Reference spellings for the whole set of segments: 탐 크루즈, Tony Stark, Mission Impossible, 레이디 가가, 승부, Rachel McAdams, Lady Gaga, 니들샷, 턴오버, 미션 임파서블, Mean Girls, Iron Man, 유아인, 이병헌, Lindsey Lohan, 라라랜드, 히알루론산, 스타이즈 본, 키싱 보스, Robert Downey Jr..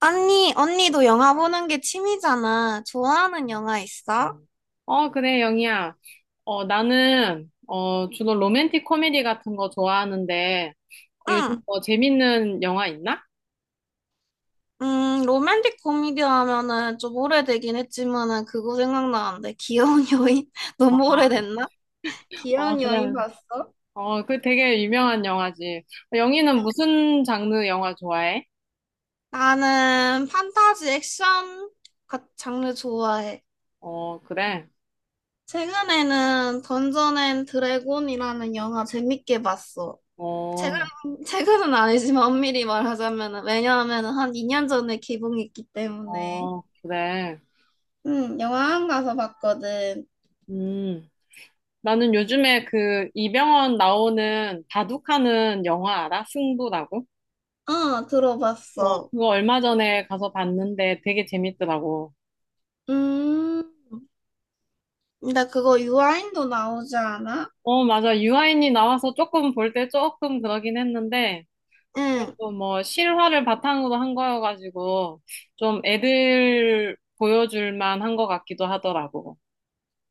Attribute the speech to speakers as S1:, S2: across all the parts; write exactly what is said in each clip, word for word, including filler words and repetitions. S1: 언니, 언니도 영화 보는 게 취미잖아. 좋아하는 영화 있어?
S2: 어, 그래, 영희야. 어, 나는, 어, 주로 로맨틱 코미디 같은 거 좋아하는데, 어, 요즘
S1: 응.
S2: 뭐 재밌는 영화 있나?
S1: 음, 로맨틱 코미디 하면은 좀 오래되긴 했지만은 그거 생각나는데. 귀여운 여인? 너무 오래됐나?
S2: 어,
S1: 귀여운
S2: 그래.
S1: 여인 봤어?
S2: 어, 그 되게 유명한 영화지. 영희는 무슨 장르 영화 좋아해?
S1: 나는 판타지 액션 같- 장르 좋아해.
S2: 어, 그래.
S1: 최근에는 던전 앤 드래곤이라는 영화 재밌게 봤어. 최근,
S2: 어,
S1: 최근은 아니지만 엄밀히 말하자면은, 왜냐하면은 한 이 년 전에 개봉했기 때문에.
S2: 어, 그래.
S1: 응, 영화관 가서 봤거든.
S2: 음. 나는 요즘에 그 이병헌 나오는 바둑하는 영화 알아? 승부라고?
S1: 어,
S2: 어,
S1: 들어봤어.
S2: 그거 얼마 전에 가서 봤는데 되게 재밌더라고.
S1: 음, 근데 그거 유아인도 나오지 않아?
S2: 어, 맞아. 유아인이 나와서 조금 볼 때 조금 그러긴 했는데,
S1: 응.
S2: 그래도 뭐 실화를 바탕으로 한 거여가지고, 좀 애들 보여줄 만한 것 같기도 하더라고.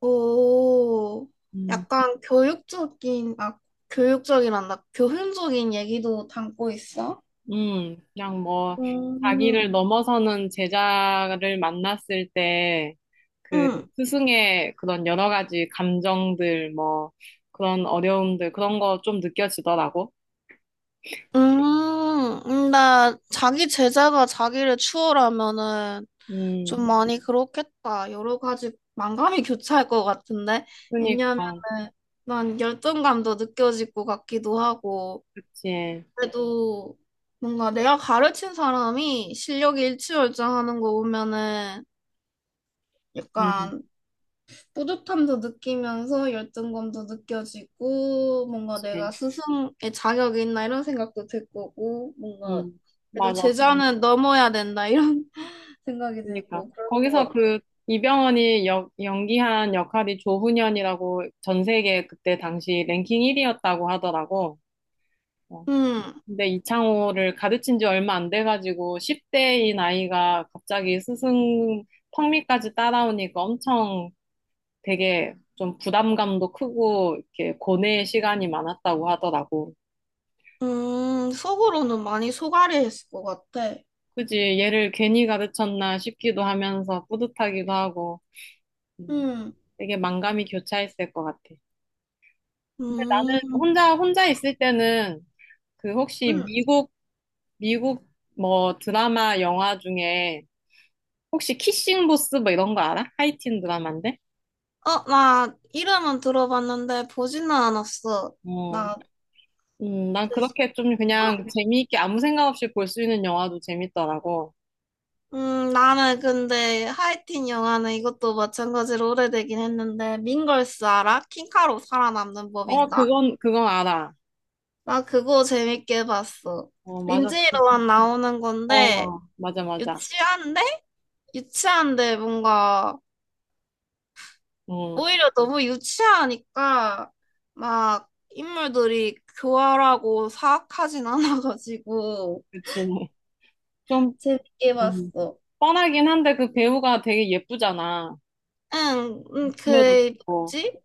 S1: 오,
S2: 음,
S1: 약간 교육적인, 아, 교육적이란다. 교훈적인 얘기도 담고 있어?
S2: 음, 그냥 뭐, 자기를
S1: 음.
S2: 넘어서는 제자를 만났을 때, 그
S1: 응.
S2: 스승의 그런 여러 가지 감정들, 뭐, 그런 어려움들, 그런 거 좀 느껴지더라고.
S1: 음. 나 자기 제자가 자기를 추월하면은
S2: 음,
S1: 좀 많이 그렇겠다. 여러 가지 만감이 교차할 것 같은데. 왜냐면은
S2: 그니까,
S1: 난 열등감도 느껴질 것 같기도 하고.
S2: 그치.
S1: 그래도 뭔가 내가 가르친 사람이 실력이 일취월장하는 거 보면은
S2: 음,
S1: 약간 뿌듯함도 느끼면서 열등감도 느껴지고 뭔가 내가
S2: 그치.
S1: 스승의 자격이 있나 이런 생각도 들 거고 뭔가
S2: 음.
S1: 그래도
S2: 맞아.
S1: 제자는 넘어야 된다 이런 생각이
S2: 그러니까
S1: 들고 그럴 것
S2: 거기서
S1: 같아.
S2: 그 이병헌이 역, 연기한 역할이 조훈현이라고 전 세계 그때 당시 랭킹 일 위였다고 하더라고. 어,
S1: 음.
S2: 근데 이창호를 가르친 지 얼마 안 돼가지고 십 대인 아이가 갑자기 스승 턱밑까지 따라오니까 엄청 되게 좀 부담감도 크고 이렇게 고뇌의 시간이 많았다고 하더라고.
S1: 음, 속으로는 많이 속앓이했을 것 같아.
S2: 그지? 얘를 괜히 가르쳤나 싶기도 하면서 뿌듯하기도 하고 음,
S1: 음...
S2: 되게 만감이 교차했을 것 같아. 근데
S1: 음.
S2: 나는 혼자 혼자 있을 때는 그 혹시
S1: 음.
S2: 미국 미국 뭐 드라마 영화 중에 혹시 키싱 보스 뭐 이런 거 알아? 하이틴 드라마인데?
S1: 어, 나 이름은 들어봤는데 보지는 않았어.
S2: 어.
S1: 나,
S2: 음, 난 그렇게 좀 그냥 재미있게 아무 생각 없이 볼 수 있는 영화도 재밌더라고.
S1: 음, 나는 근데 하이틴 영화는 이것도 마찬가지로 오래되긴 했는데 민걸스 알아? 킹카로 살아남는
S2: 어,
S1: 법인가?
S2: 그건 그건 알아.
S1: 나 그거 재밌게 봤어.
S2: 어, 맞아.
S1: 린지
S2: 그,
S1: 로만 나오는 건데
S2: 어, 맞아 맞아.
S1: 유치한데? 유치한데 뭔가
S2: 음,
S1: 오히려 너무 유치하니까 막 인물들이 교활하고 사악하진 않아가지고
S2: 그치. 좀
S1: 재밌게
S2: 음,
S1: 봤어.
S2: 뻔하긴 한데 그 배우가 되게 예쁘잖아.
S1: 응, 응,
S2: 몸매도
S1: 그
S2: 좋고.
S1: 뭐지?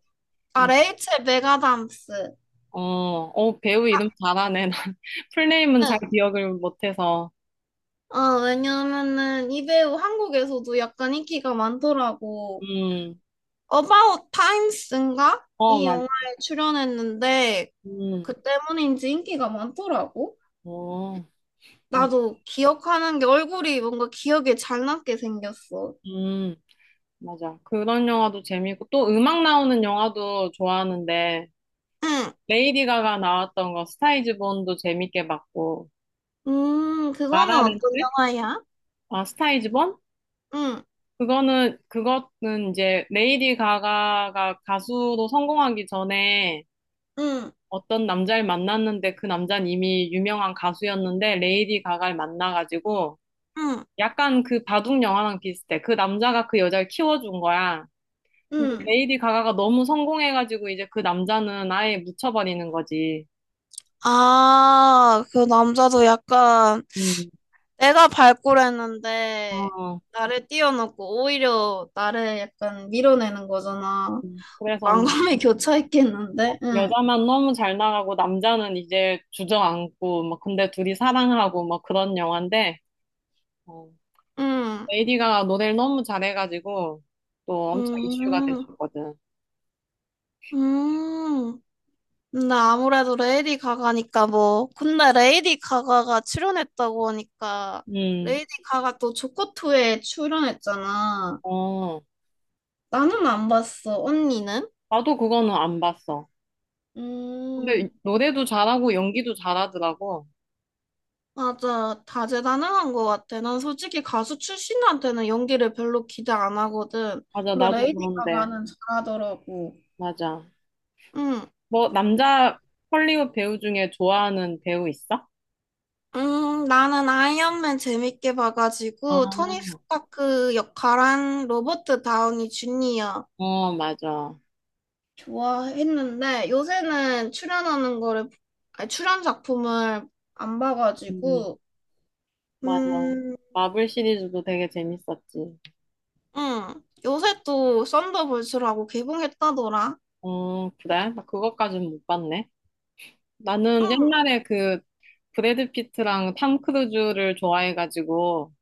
S1: 아
S2: 음.
S1: 레이첼 메가담스.
S2: 어, 어, 배우 이름 잘하네. 풀네임은
S1: 응.
S2: 잘 기억을 못해서.
S1: 어, 왜냐면은 이 배우 한국에서도 약간 인기가 많더라고.
S2: 음,
S1: 어바웃 타임스인가?
S2: 어,
S1: 이
S2: 맞,
S1: 영화에 출연했는데
S2: 음,
S1: 그 때문인지 인기가 많더라고.
S2: 어, 맞,
S1: 나도 기억하는 게 얼굴이 뭔가 기억에 잘 남게 생겼어.
S2: 음, 맞아. 그런 영화도 재밌고, 또 음악 나오는 영화도 좋아하는데,
S1: 응.
S2: 레이디 가가 나왔던 거, 스타이즈 본도 재밌게 봤고,
S1: 음, 그거는 어떤
S2: 라라랜드?
S1: 영화야?
S2: 아, 스타이즈 본?
S1: 응.
S2: 그거는, 그거는 이제, 레이디 가가가 가수로 성공하기 전에,
S1: 응.
S2: 어떤 남자를 만났는데 그 남자는 이미 유명한 가수였는데 레이디 가가를 만나가지고
S1: 응.
S2: 약간 그 바둑 영화랑 비슷해. 그 남자가 그 여자를 키워준 거야. 근데
S1: 응.
S2: 레이디 가가가 너무 성공해가지고 이제 그 남자는 아예 묻혀버리는 거지.
S1: 아, 그 남자도 약간
S2: 음.
S1: 내가 발굴했는데
S2: 어,
S1: 나를 띄워놓고 오히려 나를 약간 밀어내는 거잖아.
S2: 그래서 막
S1: 만감이 교차했겠는데? 응.
S2: 여자만 너무 잘 나가고 남자는 이제 주저앉고 막 근데 둘이 사랑하고 막 그런 영화인데 어,
S1: 응.
S2: 레이디 가가 노래를 너무 잘해가지고 또 엄청 이슈가
S1: 음.
S2: 됐었거든.
S1: 음. 근데 아무래도 레이디 가가니까 뭐 근데 레이디 가가가 출연했다고 하니까
S2: 음,
S1: 레이디 가가 또 조커투에 출연했잖아.
S2: 어,
S1: 나는 안 봤어. 언니는?
S2: 나도 그거는 안 봤어. 근데
S1: 음
S2: 노래도 잘하고 연기도 잘하더라고.
S1: 맞아, 다재다능한 것 같아. 난 솔직히 가수 출신한테는 연기를 별로 기대 안 하거든.
S2: 맞아,
S1: 근데
S2: 나도
S1: 레이디
S2: 그런데.
S1: 가가는 잘하더라고.
S2: 맞아.
S1: 응.
S2: 뭐, 남자 헐리우드 배우 중에 좋아하는 배우 있어?
S1: 음, 나는 아이언맨 재밌게
S2: 아,
S1: 봐가지고 토니 스타크 역할한 로버트 다우니 주니어
S2: 어, 맞아.
S1: 좋아했는데 요새는 출연하는 거를 아니, 출연 작품을 안
S2: 음,
S1: 봐가지고.
S2: 맞아.
S1: 음,
S2: 마블 시리즈도 되게 재밌었지.
S1: 음 요새 또 썬더볼츠라고 개봉했다더라.
S2: 어, 그래? 나 그것까진 못 봤네. 나는
S1: 음.
S2: 옛날에 그 브래드 피트랑 탐 크루즈를 좋아해가지고,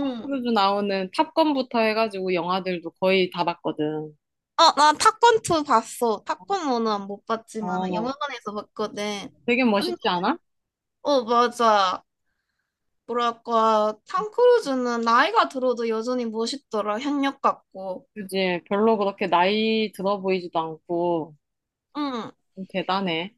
S2: 탐 크루즈 나오는 탑건부터 해가지고 영화들도 거의 다 봤거든.
S1: 어, 나 타건 투 봤어. 타건 원은 못 봤지만
S2: 어,
S1: 영화관에서 봤거든.
S2: 되게
S1: 아니,
S2: 멋있지 않아?
S1: 어, 맞아. 뭐랄까, 탐 크루즈는 나이가 들어도 여전히 멋있더라. 현역 같고.
S2: 그지? 별로 그렇게 나이 들어 보이지도 않고,
S1: 응.
S2: 대단해.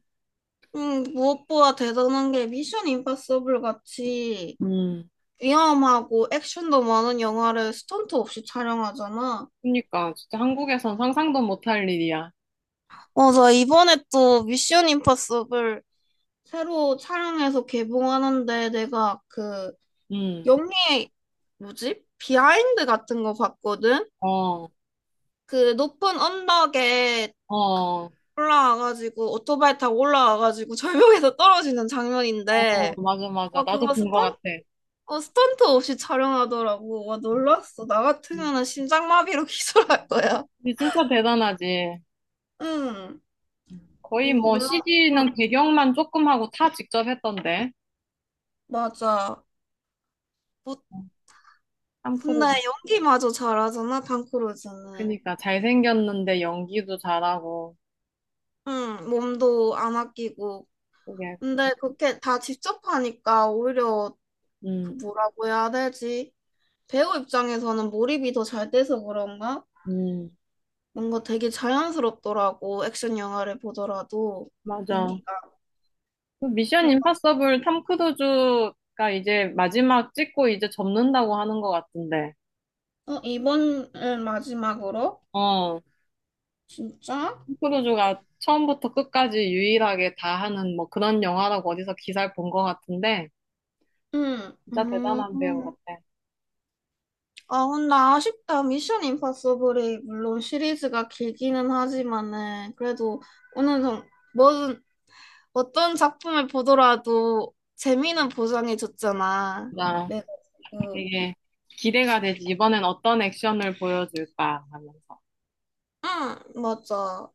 S1: 응, 무엇보다 대단한 게 미션 임파서블 같이
S2: 음,
S1: 위험하고 액션도 많은 영화를 스턴트 없이 촬영하잖아.
S2: 그러니까 진짜 한국에선 상상도 못할 일이야.
S1: 맞아, 이번에 또 미션 임파서블, 새로 촬영해서 개봉하는데 내가 그
S2: 음.
S1: 영리의 뭐지? 비하인드 같은 거 봤거든?
S2: 어,
S1: 그 높은 언덕에
S2: 어,
S1: 올라와가지고 오토바이 타고 올라와가지고 절벽에서 떨어지는
S2: 어,
S1: 장면인데.
S2: 맞아, 맞아.
S1: 와,
S2: 나도
S1: 그거
S2: 본 것
S1: 스턴,
S2: 같아.
S1: 어, 스턴트 없이 촬영하더라고. 와 놀랐어. 나
S2: 음.
S1: 같으면은 심장마비로 기절할 거야.
S2: 근데 진짜 대단하지.
S1: 응.
S2: 음. 거의
S1: 음,
S2: 뭐
S1: 물론, 응.
S2: 씨지는 배경만 조금 하고 다 직접 했던데.
S1: 맞아. 뭐, 근데
S2: 탐크루즈.
S1: 연기마저 잘하잖아, 탕크루즈는.
S2: 그니까 잘생겼는데 연기도 잘하고.
S1: 응, 몸도 안 아끼고.
S2: 그게,
S1: 근데 그렇게 다 직접 하니까 오히려 그
S2: 음,
S1: 뭐라고 해야 되지? 배우 입장에서는 몰입이 더 잘 돼서 그런가?
S2: 음,
S1: 뭔가 되게 자연스럽더라고, 액션 영화를 보더라도.
S2: 맞아.
S1: 연기가.
S2: 그 미션 임파서블 탐크루즈가 이제 마지막 찍고 이제 접는다고 하는 것 같은데.
S1: 어, 이번을 마지막으로?
S2: 어,
S1: 진짜?
S2: 크루즈가 처음부터 끝까지 유일하게 다 하는 뭐 그런 영화라고 어디서 기사를 본 것 같은데
S1: 응.
S2: 진짜 대단한 배우
S1: 음.
S2: 같아.
S1: 아, 근데 아쉽다. 미션 임파서블이 물론 시리즈가 길기는 하지만은 그래도 어느 정도 뭐든 어떤 작품을 보더라도 재미는 보장해줬잖아.
S2: 진짜
S1: 내가 지금
S2: 되게 기대가 되지. 이번엔 어떤 액션을 보여줄까 하면서.
S1: 응, 맞아.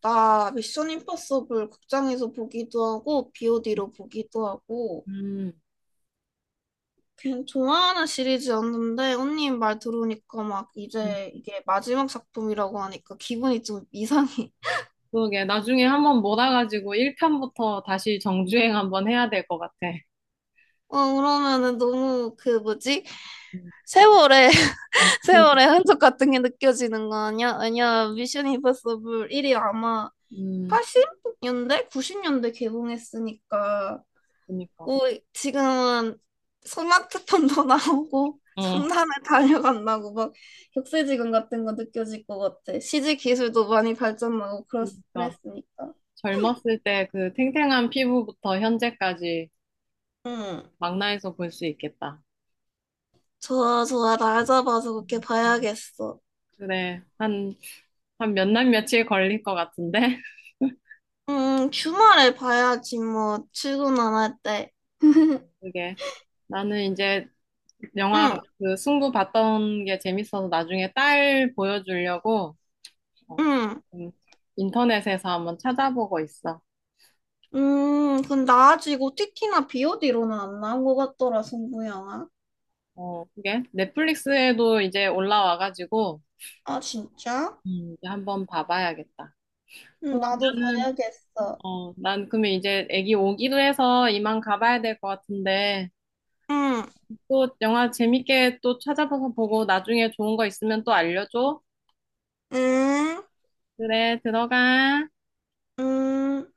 S1: 나 미션 임파서블 극장에서 보기도 하고 비오디로 보기도 하고
S2: 음,
S1: 그냥 좋아하는 시리즈였는데 언니 말 들으니까 막
S2: 음.
S1: 이제 이게 마지막 작품이라고 하니까 기분이 좀 이상해.
S2: 그러게. 나중에 한번 몰아가지고 일 편부터 다시 정주행 한번 해야 될 것 같아.
S1: 어, 그러면은 너무 그 뭐지?
S2: 음,
S1: 세월의
S2: 어, 그-
S1: 세월의 흔적 같은 게 느껴지는 거 아니야? 아니야, 미션 임파서블 일이 아마
S2: 음,
S1: 팔십 년대, 구십 년대 개봉했으니까.
S2: 그니까.
S1: 오, 지금은 스마트폰도 나오고
S2: 어,
S1: 첨단에 달려간다고 막 격세지감 같은 거 느껴질 것 같아. 씨지 기술도 많이 발전하고 그랬,
S2: 그니까.
S1: 그랬으니까.
S2: 젊었을 때 그 탱탱한 피부부터 현재까지
S1: 응,
S2: 망라해서 볼 수 있겠다.
S1: 좋아, 좋아. 날 잡아서 그렇게 봐야겠어.
S2: 그래. 한 한 몇 날 며칠 걸릴 것 같은데
S1: 음, 주말에 봐야지 뭐 출근 안 할 때.
S2: 그게 나는 이제 영화
S1: 응.
S2: 그 승부 봤던 게 재밌어서 나중에 딸 보여주려고 어,
S1: 응.
S2: 음, 인터넷에서 한번 찾아보고 있어.
S1: 음, 근데 아직 o 티티나 비오디로는 안 나온 것 같더라, 승부영화.
S2: 어, 그게 넷플릭스에도 이제 올라와가지고
S1: 아, 진짜?
S2: 음, 이제 한번 봐봐야겠다.
S1: 응,
S2: 그럼
S1: 나도
S2: 나는
S1: 봐야겠어.
S2: 어, 난 그러면 이제 애기 오기도 해서 이만 가봐야 될 것 같은데
S1: 응.
S2: 또 영화 재밌게 또 찾아봐서 보고 나중에 좋은 거 있으면 또 알려줘.
S1: 응.
S2: 그래, 들어가.
S1: 응.